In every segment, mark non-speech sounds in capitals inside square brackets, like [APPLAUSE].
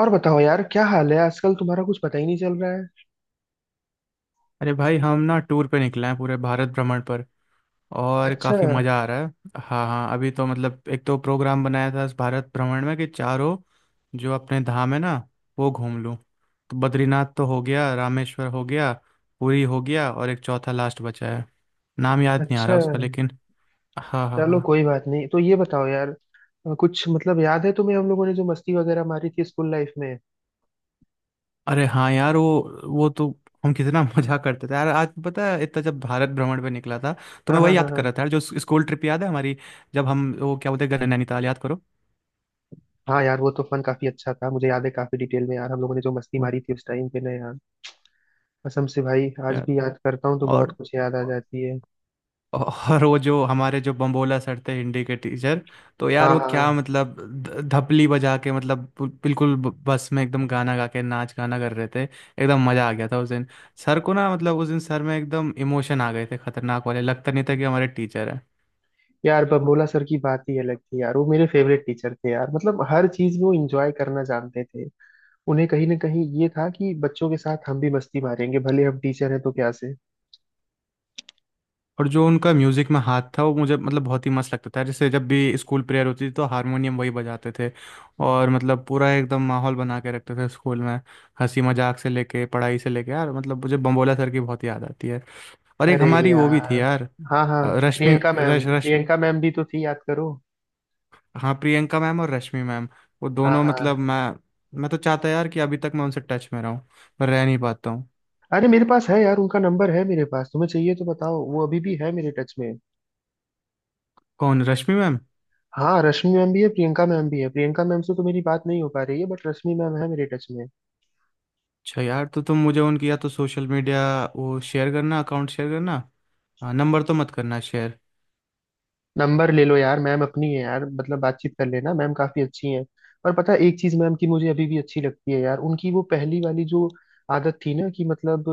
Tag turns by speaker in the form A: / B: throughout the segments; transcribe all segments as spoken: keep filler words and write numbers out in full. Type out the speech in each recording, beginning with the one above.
A: और बताओ यार, क्या हाल है आजकल? तुम्हारा कुछ पता ही नहीं चल रहा है।
B: अरे भाई हम ना टूर पे निकले हैं पूरे भारत भ्रमण पर, और
A: अच्छा।
B: काफ़ी मज़ा आ रहा है। हाँ हाँ, अभी तो मतलब एक तो प्रोग्राम बनाया था इस भारत भ्रमण में कि चारों जो अपने धाम है ना वो घूम लूँ। तो बद्रीनाथ तो हो गया, रामेश्वर हो गया, पुरी हो गया, और एक चौथा लास्ट बचा है, नाम याद नहीं आ
A: अच्छा।
B: रहा उसका लेकिन। हाँ हाँ
A: चलो
B: हाँ।
A: कोई बात नहीं, तो ये बताओ यार, अ, कुछ मतलब याद है तुम्हें, हम लोगों ने जो मस्ती वगैरह मारी थी स्कूल लाइफ में?
B: अरे हाँ यार, वो वो तो। हम कितना [LAUGHS] मजा करते थे यार। आज पता है इतना, जब भारत भ्रमण पे निकला था तो
A: हाँ
B: मैं
A: हाँ
B: वही
A: हाँ।
B: याद कर
A: हाँ
B: रहा था यार, जो स्कूल ट्रिप याद है हमारी। जब हम, वो क्या बोलते हैं, गए नैनीताल, याद करो।
A: हाँ यार, वो तो फन काफी अच्छा था। मुझे याद है काफी डिटेल में यार, हम लोगों ने जो मस्ती
B: वो
A: मारी थी उस टाइम पे ना यार। कसम से भाई, आज
B: यार।
A: भी याद करता हूँ तो बहुत
B: और
A: कुछ याद आ जाती है।
B: और वो जो हमारे जो बम्बोला सर थे, हिंदी के टीचर। तो यार
A: हाँ
B: वो क्या
A: हाँ।
B: मतलब, ध- धपली बजा के, मतलब बु- बिल्कुल ब- बस में एकदम गाना गा के नाच गाना कर रहे थे, एकदम मजा आ गया था उस दिन। सर को ना मतलब उस दिन सर में एकदम इमोशन आ गए थे, खतरनाक वाले, लगता नहीं था कि हमारे टीचर है।
A: यार बबोला सर की बात ही अलग थी यार, वो मेरे फेवरेट टीचर थे यार, मतलब हर चीज में वो इंजॉय करना जानते थे। उन्हें कहीं ना कहीं ये था कि बच्चों के साथ हम भी मस्ती मारेंगे, भले हम टीचर हैं तो क्या से।
B: और जो उनका म्यूजिक में हाथ था वो मुझे मतलब बहुत ही मस्त लगता था। जैसे जब भी स्कूल प्रेयर होती थी तो हारमोनियम वही बजाते थे। और मतलब पूरा एकदम माहौल बना के रखते थे स्कूल में, हंसी मजाक से लेके पढ़ाई से लेके, यार मतलब मुझे बम्बोला सर की बहुत याद आती है। और एक
A: अरे
B: हमारी वो भी थी
A: यार।
B: यार,
A: हाँ हाँ।
B: अ, रश्मि
A: प्रियंका मैम,
B: रश रश्मि
A: प्रियंका मैम भी तो थी, याद करो।
B: हाँ, प्रियंका मैम और रश्मि मैम। वो
A: हाँ
B: दोनों मतलब,
A: हाँ।
B: मैं मैं तो चाहता यार कि अभी तक मैं उनसे टच में रहूं, पर रह नहीं पाता हूँ।
A: अरे मेरे पास है यार, उनका नंबर है मेरे पास, तुम्हें चाहिए तो बताओ, वो अभी भी है मेरे टच में।
B: कौन, रश्मि मैम?
A: हाँ, रश्मि मैम भी है, प्रियंका मैम भी है। प्रियंका मैम से तो मेरी बात नहीं हो पा रही है, बट रश्मि मैम है मेरे टच में।
B: अच्छा यार, तो तुम मुझे उनकी या तो सोशल मीडिया वो शेयर करना, अकाउंट शेयर करना, हाँ नंबर तो मत करना शेयर।
A: नंबर ले लो यार, मैम अपनी है यार, मतलब बातचीत कर लेना, मैम काफी अच्छी हैं। और पता है एक चीज मैम की मुझे अभी भी अच्छी लगती है यार, उनकी वो पहली वाली जो आदत थी ना कि मतलब,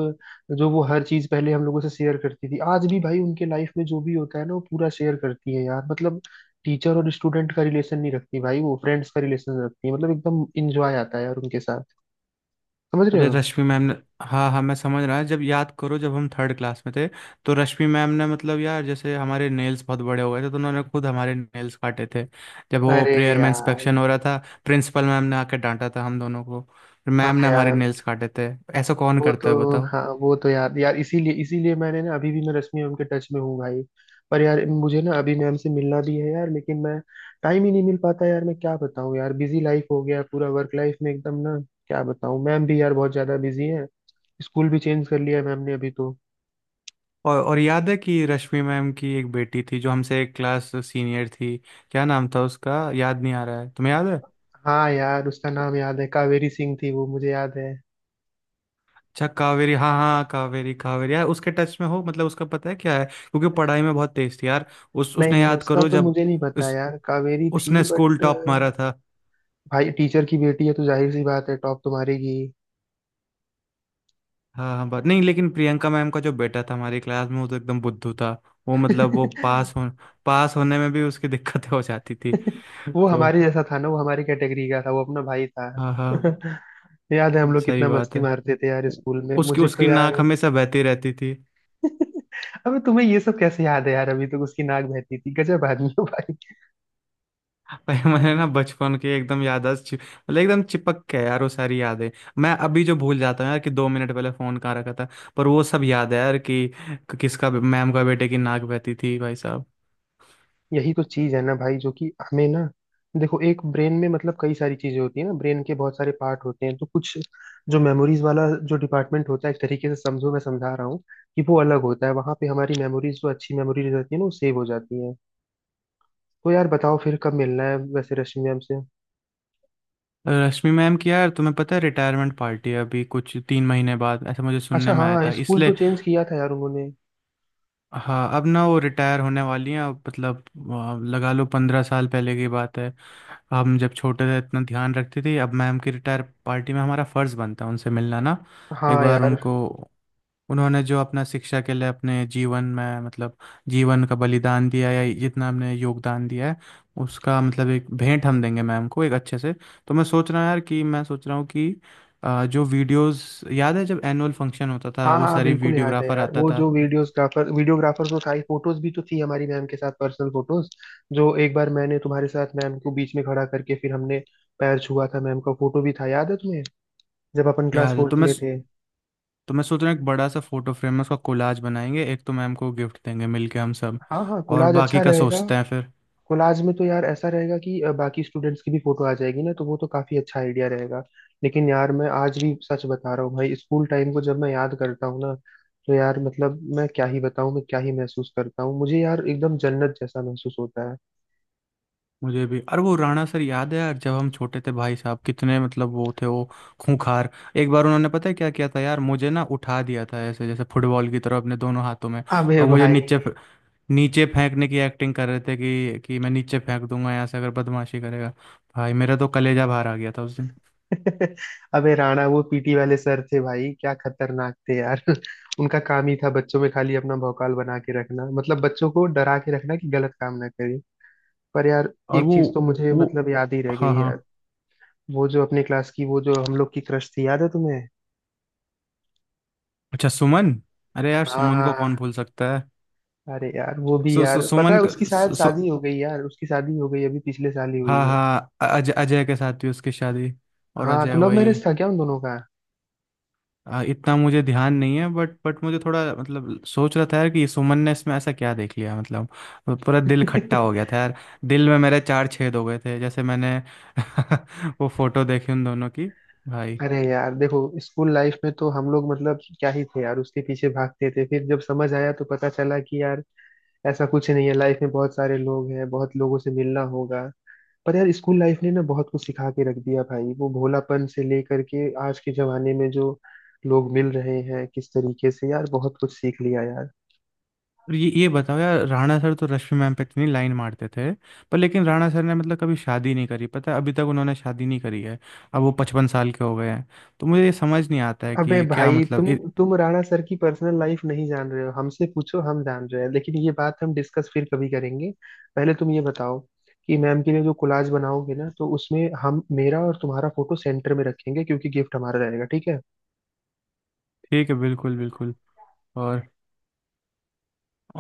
A: जो वो हर चीज पहले हम लोगों से शेयर करती थी, आज भी भाई उनके लाइफ में जो भी होता है ना वो पूरा शेयर करती है यार मतलब। टीचर और स्टूडेंट का रिलेशन नहीं रखती भाई, वो फ्रेंड्स का रिलेशन रखती है, मतलब एकदम इंजॉय आता है यार उनके साथ। समझ रहे
B: अरे
A: हो?
B: रश्मि मैम ने। हाँ हाँ, मैं समझ रहा है, जब याद करो जब हम थर्ड क्लास में थे, तो रश्मि मैम ने मतलब यार, जैसे हमारे नेल्स बहुत बड़े हो गए थे, तो उन्होंने खुद हमारे नेल्स काटे थे, जब वो
A: अरे
B: प्रेयर में
A: यार।
B: इंस्पेक्शन हो रहा था। प्रिंसिपल मैम ने आके डांटा था हम दोनों को, फिर
A: हाँ
B: मैम ने हमारे
A: यार
B: नेल्स काटे थे। ऐसा कौन
A: वो
B: करता है,
A: तो,
B: बताओ।
A: हाँ वो तो यार, यार इसीलिए, इसीलिए मैंने ना अभी भी मैं रश्मि मैम के टच में हूँ भाई। पर यार मुझे ना अभी मैम से मिलना भी है यार, लेकिन मैं टाइम ही नहीं मिल पाता यार। मैं क्या बताऊँ यार, बिजी लाइफ हो गया पूरा, वर्क लाइफ में एकदम ना। क्या बताऊँ, मैम भी यार बहुत ज्यादा बिजी है। स्कूल भी चेंज कर लिया है मैम ने अभी तो।
B: और और याद है कि रश्मि मैम की एक बेटी थी जो हमसे एक क्लास सीनियर थी? क्या नाम था उसका, याद नहीं आ रहा है, तुम्हें याद है?
A: हाँ यार, उसका नाम याद है, कावेरी सिंह थी वो, मुझे याद है।
B: अच्छा कावेरी, हाँ हाँ, कावेरी कावेरी यार, उसके टच में हो? मतलब उसका पता है क्या है? क्योंकि पढ़ाई में बहुत तेज थी यार। उस
A: नहीं
B: उसने
A: नहीं,
B: याद
A: उसका
B: करो,
A: तो
B: जब
A: मुझे नहीं पता
B: उस
A: यार, कावेरी थी
B: उसने स्कूल
A: बट।
B: टॉप मारा था।
A: भाई टीचर की बेटी है तो जाहिर सी बात है, टॉप तुम्हारी
B: हाँ हाँ, बात नहीं, लेकिन प्रियंका मैम का जो बेटा था हमारी क्लास में वो तो एकदम बुद्धू था। वो
A: की।
B: मतलब वो पास
A: [LAUGHS]
B: हो, पास होने में भी उसकी दिक्कतें हो जाती थी।
A: [LAUGHS] वो
B: तो
A: हमारे जैसा था ना, वो हमारी कैटेगरी का था, वो अपना भाई था।
B: हाँ हाँ,
A: [LAUGHS] याद है हम लोग
B: सही
A: कितना
B: बात
A: मस्ती
B: है।
A: मारते थे यार स्कूल में,
B: उसकी
A: मुझे तो
B: उसकी नाक
A: यार।
B: हमेशा बहती रहती थी।
A: [LAUGHS] अबे, तुम्हें ये सब कैसे याद है यार? अभी तक उसकी नाक बहती थी, गजब आदमी हो भाई।
B: पर [LAUGHS] मैंने ना बचपन के एकदम याददाश्त, छिप- मतलब एकदम चिपक के यार वो सारी यादें। मैं अभी जो भूल जाता हूँ यार कि दो मिनट पहले फोन कहाँ रखा था, पर वो सब याद है यार कि कि किसका मैम का बेटे की नाक बहती थी, भाई साहब।
A: यही तो चीज है ना भाई, जो कि हमें ना। देखो, एक ब्रेन में मतलब कई सारी चीजें होती है ना, ब्रेन के बहुत सारे पार्ट होते हैं, तो कुछ, जो मेमोरीज वाला जो डिपार्टमेंट होता है, एक तरीके से समझो, मैं समझा रहा हूँ कि वो अलग होता है, वहां पे हमारी मेमोरीज, जो अच्छी मेमोरीज रहती है ना, वो सेव हो जाती है। तो यार बताओ, फिर कब मिलना है वैसे रश्मि मैम से?
B: रश्मि मैम की यार तुम्हें पता है रिटायरमेंट पार्टी है अभी कुछ तीन महीने बाद, ऐसा मुझे
A: अच्छा,
B: सुनने में आया
A: हाँ
B: था
A: स्कूल तो
B: इसलिए।
A: चेंज किया था यार उन्होंने।
B: हाँ, अब ना वो रिटायर होने वाली हैं अब मतलब, आ, लगा लो पंद्रह साल पहले की बात है, हम जब छोटे थे इतना ध्यान रखती थी, अब मैम की रिटायर पार्टी में हमारा फर्ज बनता है उनसे मिलना ना। एक
A: हाँ
B: बार
A: यार।
B: उनको, उन्होंने जो अपना शिक्षा के लिए अपने जीवन में मतलब जीवन का बलिदान दिया है, या जितना हमने योगदान दिया है, उसका मतलब एक भेंट हम देंगे मैम को एक अच्छे से। तो मैं सोच रहा हूँ यार, कि मैं सोच रहा हूँ कि अ, जो वीडियोस याद है जब एनुअल फंक्शन होता था,
A: हाँ
B: वो
A: हाँ,
B: सारी
A: बिल्कुल याद है
B: वीडियोग्राफर
A: यार।
B: आता
A: वो
B: था।
A: जो वीडियोग्राफर, वीडियोग्राफर तो था ही, फोटोज भी तो थी हमारी मैम के साथ, पर्सनल फोटोज, जो एक बार मैंने तुम्हारे साथ मैम को बीच में खड़ा करके फिर हमने पैर छुआ था मैम का, फोटो भी था, याद है तुम्हें? जब अपन क्लास
B: याद है? तो
A: फोर्थ
B: मैं
A: में थे।
B: तो मैं सोच रहा हूँ, एक बड़ा सा फोटो फ्रेम में उसका कोलाज बनाएंगे, एक तो मैम को गिफ्ट देंगे मिलके हम सब।
A: हाँ हाँ,
B: और
A: कोलाज अच्छा
B: बाकी का
A: रहेगा।
B: सोचते हैं फिर।
A: कोलाज में तो यार ऐसा रहेगा कि अ, बाकी स्टूडेंट्स की भी फोटो आ जाएगी ना, तो वो तो काफी अच्छा आइडिया रहेगा। लेकिन यार मैं आज भी सच बता रहा हूँ भाई, स्कूल टाइम को जब मैं याद करता हूँ ना, तो यार मतलब, मैं क्या ही बताऊँ, मैं क्या ही महसूस करता हूँ, मुझे यार एकदम जन्नत जैसा महसूस होता है।
B: मुझे भी। अरे वो राणा सर याद है यार, जब हम छोटे थे भाई साहब कितने मतलब वो थे वो खूंखार। एक बार उन्होंने पता है क्या किया था यार, मुझे ना उठा दिया था ऐसे जैसे फुटबॉल की तरह अपने दोनों हाथों में,
A: अबे
B: और मुझे
A: भाई।
B: नीचे फ- नीचे फेंकने की एक्टिंग कर रहे थे कि कि मैं नीचे फेंक दूंगा यहाँ से अगर बदमाशी करेगा। भाई मेरा तो कलेजा बाहर आ गया था उस दिन।
A: [LAUGHS] अबे राणा वो पी टी वाले सर थे भाई, क्या खतरनाक थे यार। [LAUGHS] उनका काम ही था बच्चों में खाली अपना भौकाल बना के रखना, मतलब बच्चों को डरा के रखना कि गलत काम ना करें। पर यार,
B: और
A: एक
B: वो
A: चीज तो मुझे
B: वो
A: मतलब याद ही रह
B: हाँ
A: गई
B: हाँ,
A: यार। वो जो अपनी क्लास की, वो जो हम लोग की क्रश थी, याद है तुम्हें?
B: अच्छा सुमन। अरे यार
A: हाँ
B: सुमन
A: हाँ
B: को
A: हाँ।
B: कौन भूल सकता है।
A: अरे यार वो भी
B: सु, सु,
A: यार, पता है
B: सुमन क-
A: उसकी शायद
B: सु, सु,
A: शादी हो गई यार, उसकी शादी हो गई, अभी पिछले साल ही हुई
B: हाँ
A: है।
B: हाँ, अ- अजय अजय के साथ हुई उसकी शादी। और
A: हाँ,
B: अजय
A: तो लव
B: वही।
A: मैरिज था क्या उन दोनों का?
B: आ, इतना मुझे ध्यान नहीं है, बट बट मुझे थोड़ा मतलब सोच रहा था यार, कि सुमन ने इसमें ऐसा क्या देख लिया मतलब। पूरा दिल खट्टा हो गया
A: [LAUGHS]
B: था यार। दिल में मेरे चार छेद हो गए थे जैसे, मैंने [LAUGHS] वो फोटो देखी उन दोनों की, भाई।
A: अरे यार देखो, स्कूल लाइफ में तो हम लोग मतलब क्या ही थे यार, उसके पीछे भागते थे। फिर जब समझ आया तो पता चला कि यार, ऐसा कुछ नहीं है, लाइफ में बहुत सारे लोग हैं, बहुत लोगों से मिलना होगा। पर यार स्कूल लाइफ ने ना बहुत कुछ सिखा के रख दिया भाई, वो भोलापन से लेकर के आज के जमाने में जो लोग मिल रहे हैं किस तरीके से, यार बहुत कुछ सीख लिया यार।
B: और ये ये बताओ यार, राणा सर तो रश्मि मैम पे इतनी लाइन मारते थे, पर लेकिन राणा सर ने मतलब कभी शादी नहीं करी, पता है अभी तक उन्होंने शादी नहीं करी है। अब वो पचपन साल के हो गए हैं। तो मुझे ये समझ नहीं आता है
A: अबे
B: कि क्या
A: भाई, तुम
B: मतलब ये-
A: तुम राणा सर की पर्सनल लाइफ नहीं जान रहे हो, हमसे पूछो, हम जान रहे हैं, लेकिन ये बात हम डिस्कस फिर कभी करेंगे। पहले तुम ये बताओ कि मैम के लिए जो कोलाज बनाओगे ना, तो उसमें हम मेरा और तुम्हारा फोटो सेंटर में रखेंगे, क्योंकि गिफ्ट हमारा रहेगा, ठीक है?
B: ठीक है, बिल्कुल बिल्कुल। और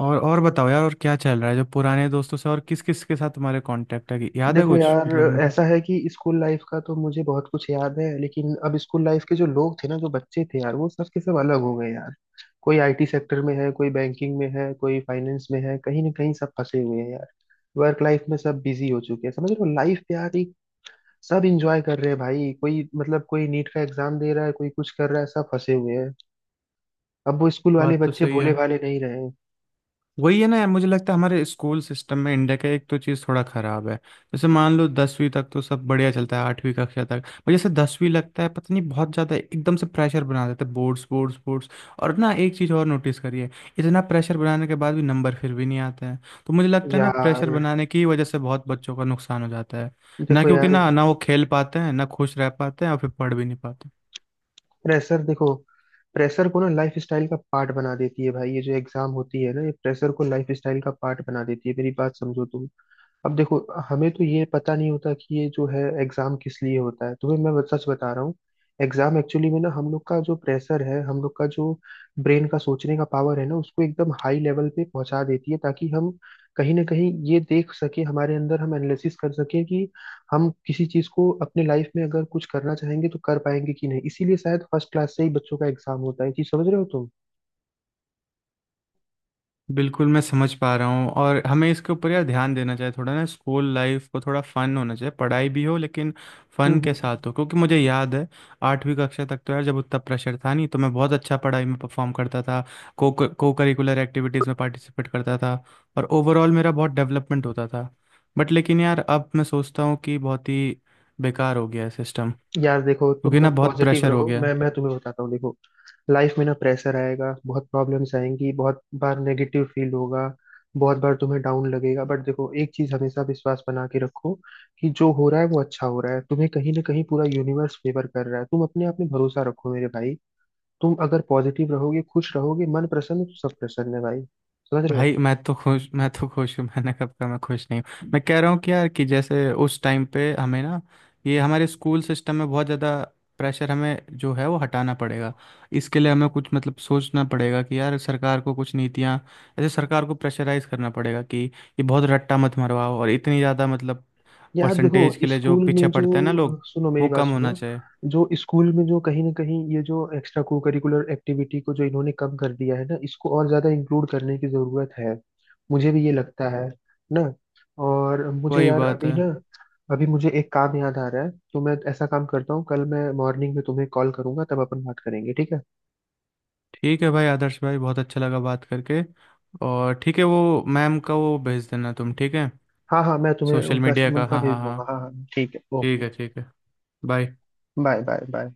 B: और और बताओ यार, और क्या चल रहा है, जो पुराने दोस्तों से और किस किस के साथ तुम्हारे कांटेक्ट है, कि याद है
A: देखो
B: कुछ
A: यार,
B: मतलब।
A: ऐसा है कि स्कूल लाइफ का तो मुझे बहुत कुछ याद है, लेकिन अब स्कूल लाइफ के जो लोग थे ना, जो बच्चे थे यार, वो सब के सब अलग हो गए यार। कोई आई टी सेक्टर में है, कोई बैंकिंग में है, कोई फाइनेंस में है, कहीं ना कहीं सब फंसे हुए हैं यार। वर्क लाइफ में सब बिजी हो चुके हैं, समझ रहे हो? लाइफ यार एक, सब इंजॉय कर रहे हैं भाई, कोई मतलब कोई नीट का एग्जाम दे रहा है, कोई कुछ कर रहा है, सब फंसे हुए हैं। अब वो स्कूल वाले
B: बात तो
A: बच्चे
B: सही
A: भोले
B: है।
A: भाले नहीं रहे।
B: वही है ना यार, मुझे लगता है हमारे स्कूल सिस्टम में इंडिया का एक तो चीज़ थोड़ा खराब है। जैसे मान लो दसवीं तक तो सब बढ़िया चलता है, आठवीं कक्षा तक, पर जैसे दसवीं लगता है पता नहीं बहुत ज़्यादा एकदम से प्रेशर बना देते हैं, बोर्ड्स बोर्ड्स बोर्ड्स। और ना, एक चीज़ और नोटिस करिए, इतना प्रेशर बनाने के बाद भी नंबर फिर भी नहीं आते हैं। तो मुझे लगता है ना,
A: यार
B: प्रेशर बनाने की वजह से बहुत बच्चों का नुकसान हो जाता है ना,
A: देखो,
B: क्योंकि
A: यार
B: ना ना वो खेल पाते हैं ना खुश रह पाते हैं और फिर पढ़ भी नहीं पाते।
A: प्रेशर देखो, प्रेशर को ना लाइफ स्टाइल का पार्ट बना देती है भाई, ये जो एग्जाम होती है ना, ये प्रेशर को लाइफ स्टाइल का पार्ट बना देती है, मेरी बात समझो तुम। अब देखो, हमें तो ये पता नहीं होता कि ये जो है एग्जाम किस लिए होता है, तुम्हें मैं सच बता रहा हूँ। एग्जाम एक्चुअली में ना, हम लोग का जो प्रेशर है, हम लोग का जो ब्रेन का सोचने का पावर है ना, उसको एकदम हाई लेवल पे पहुंचा देती है, ताकि हम कहीं ना कहीं ये देख सके हमारे अंदर, हम एनालिसिस कर सके कि हम किसी चीज को अपने लाइफ में अगर कुछ करना चाहेंगे तो कर पाएंगे कि नहीं, इसीलिए शायद फर्स्ट क्लास से ही बच्चों का एग्जाम होता है, ये चीज समझ रहे हो तुम?
B: बिल्कुल मैं समझ पा रहा हूँ, और हमें इसके ऊपर यार ध्यान देना चाहिए थोड़ा ना, स्कूल लाइफ को थोड़ा फन होना चाहिए, पढ़ाई भी हो लेकिन
A: हम्म।
B: फन के
A: हम्म।
B: साथ हो, क्योंकि मुझे याद है आठवीं कक्षा तक तो यार जब उतना प्रेशर था नहीं, तो मैं बहुत अच्छा पढ़ाई में परफॉर्म करता था, को को करिकुलर एक्टिविटीज़ में पार्टिसिपेट करता था, और ओवरऑल मेरा बहुत डेवलपमेंट होता था। बट लेकिन यार अब मैं सोचता हूँ कि बहुत ही बेकार हो गया है सिस्टम,
A: यार देखो, तुम
B: क्योंकि
A: ना
B: ना बहुत
A: पॉजिटिव
B: प्रेशर हो
A: रहो।
B: गया है।
A: मैं मैं तुम्हें बताता हूँ, देखो, लाइफ में ना प्रेशर आएगा, बहुत प्रॉब्लम्स आएंगी, बहुत बार नेगेटिव फील होगा, बहुत बार तुम्हें डाउन लगेगा, बट देखो एक चीज, हमेशा विश्वास बना के रखो कि जो हो रहा है वो अच्छा हो रहा है, तुम्हें कहीं ना कहीं पूरा यूनिवर्स फेवर कर रहा है, तुम अपने आप में भरोसा रखो मेरे भाई। तुम अगर पॉजिटिव रहोगे, खुश रहोगे, मन प्रसन्न तो सब प्रसन्न है भाई। समझ रहे हो?
B: भाई, मैं तो खुश मैं तो खुश हूँ, मैंने कब कहा मैं खुश नहीं हूँ? मैं कह रहा हूँ कि यार, कि जैसे उस टाइम पे हमें ना, ये हमारे स्कूल सिस्टम में बहुत ज़्यादा प्रेशर हमें जो है वो हटाना पड़ेगा। इसके लिए हमें कुछ मतलब सोचना पड़ेगा कि यार, सरकार को कुछ नीतियाँ, ऐसे सरकार को प्रेशराइज करना पड़ेगा कि ये बहुत रट्टा मत मरवाओ, और इतनी ज़्यादा मतलब
A: यार देखो,
B: परसेंटेज के लिए जो
A: स्कूल
B: पीछे
A: में
B: पड़ते हैं ना
A: जो,
B: लोग,
A: सुनो मेरी
B: वो
A: बात
B: कम होना
A: सुनो,
B: चाहिए।
A: जो स्कूल में जो कहीं ना कहीं ये जो एक्स्ट्रा को करिकुलर एक्टिविटी को, जो इन्होंने कम कर दिया है ना, इसको और ज्यादा इंक्लूड करने की जरूरत है, मुझे भी ये लगता है ना। और मुझे
B: वही
A: यार
B: बात
A: अभी
B: है।
A: ना, अभी मुझे एक काम याद आ रहा है, तो मैं ऐसा काम करता हूँ, कल मैं मॉर्निंग में तुम्हें कॉल करूंगा, तब अपन बात करेंगे, ठीक है?
B: ठीक है भाई, आदर्श भाई बहुत अच्छा लगा बात करके, और ठीक है वो मैम का वो भेज देना तुम, ठीक है?
A: हाँ हाँ, मैं तुम्हें
B: सोशल
A: उनका
B: मीडिया का,
A: उनका
B: हाँ
A: भेज
B: हाँ हाँ।
A: दूंगा। हाँ हाँ, ठीक है,
B: ठीक
A: ओके।
B: है, ठीक है। बाय।
A: Bye bye bye.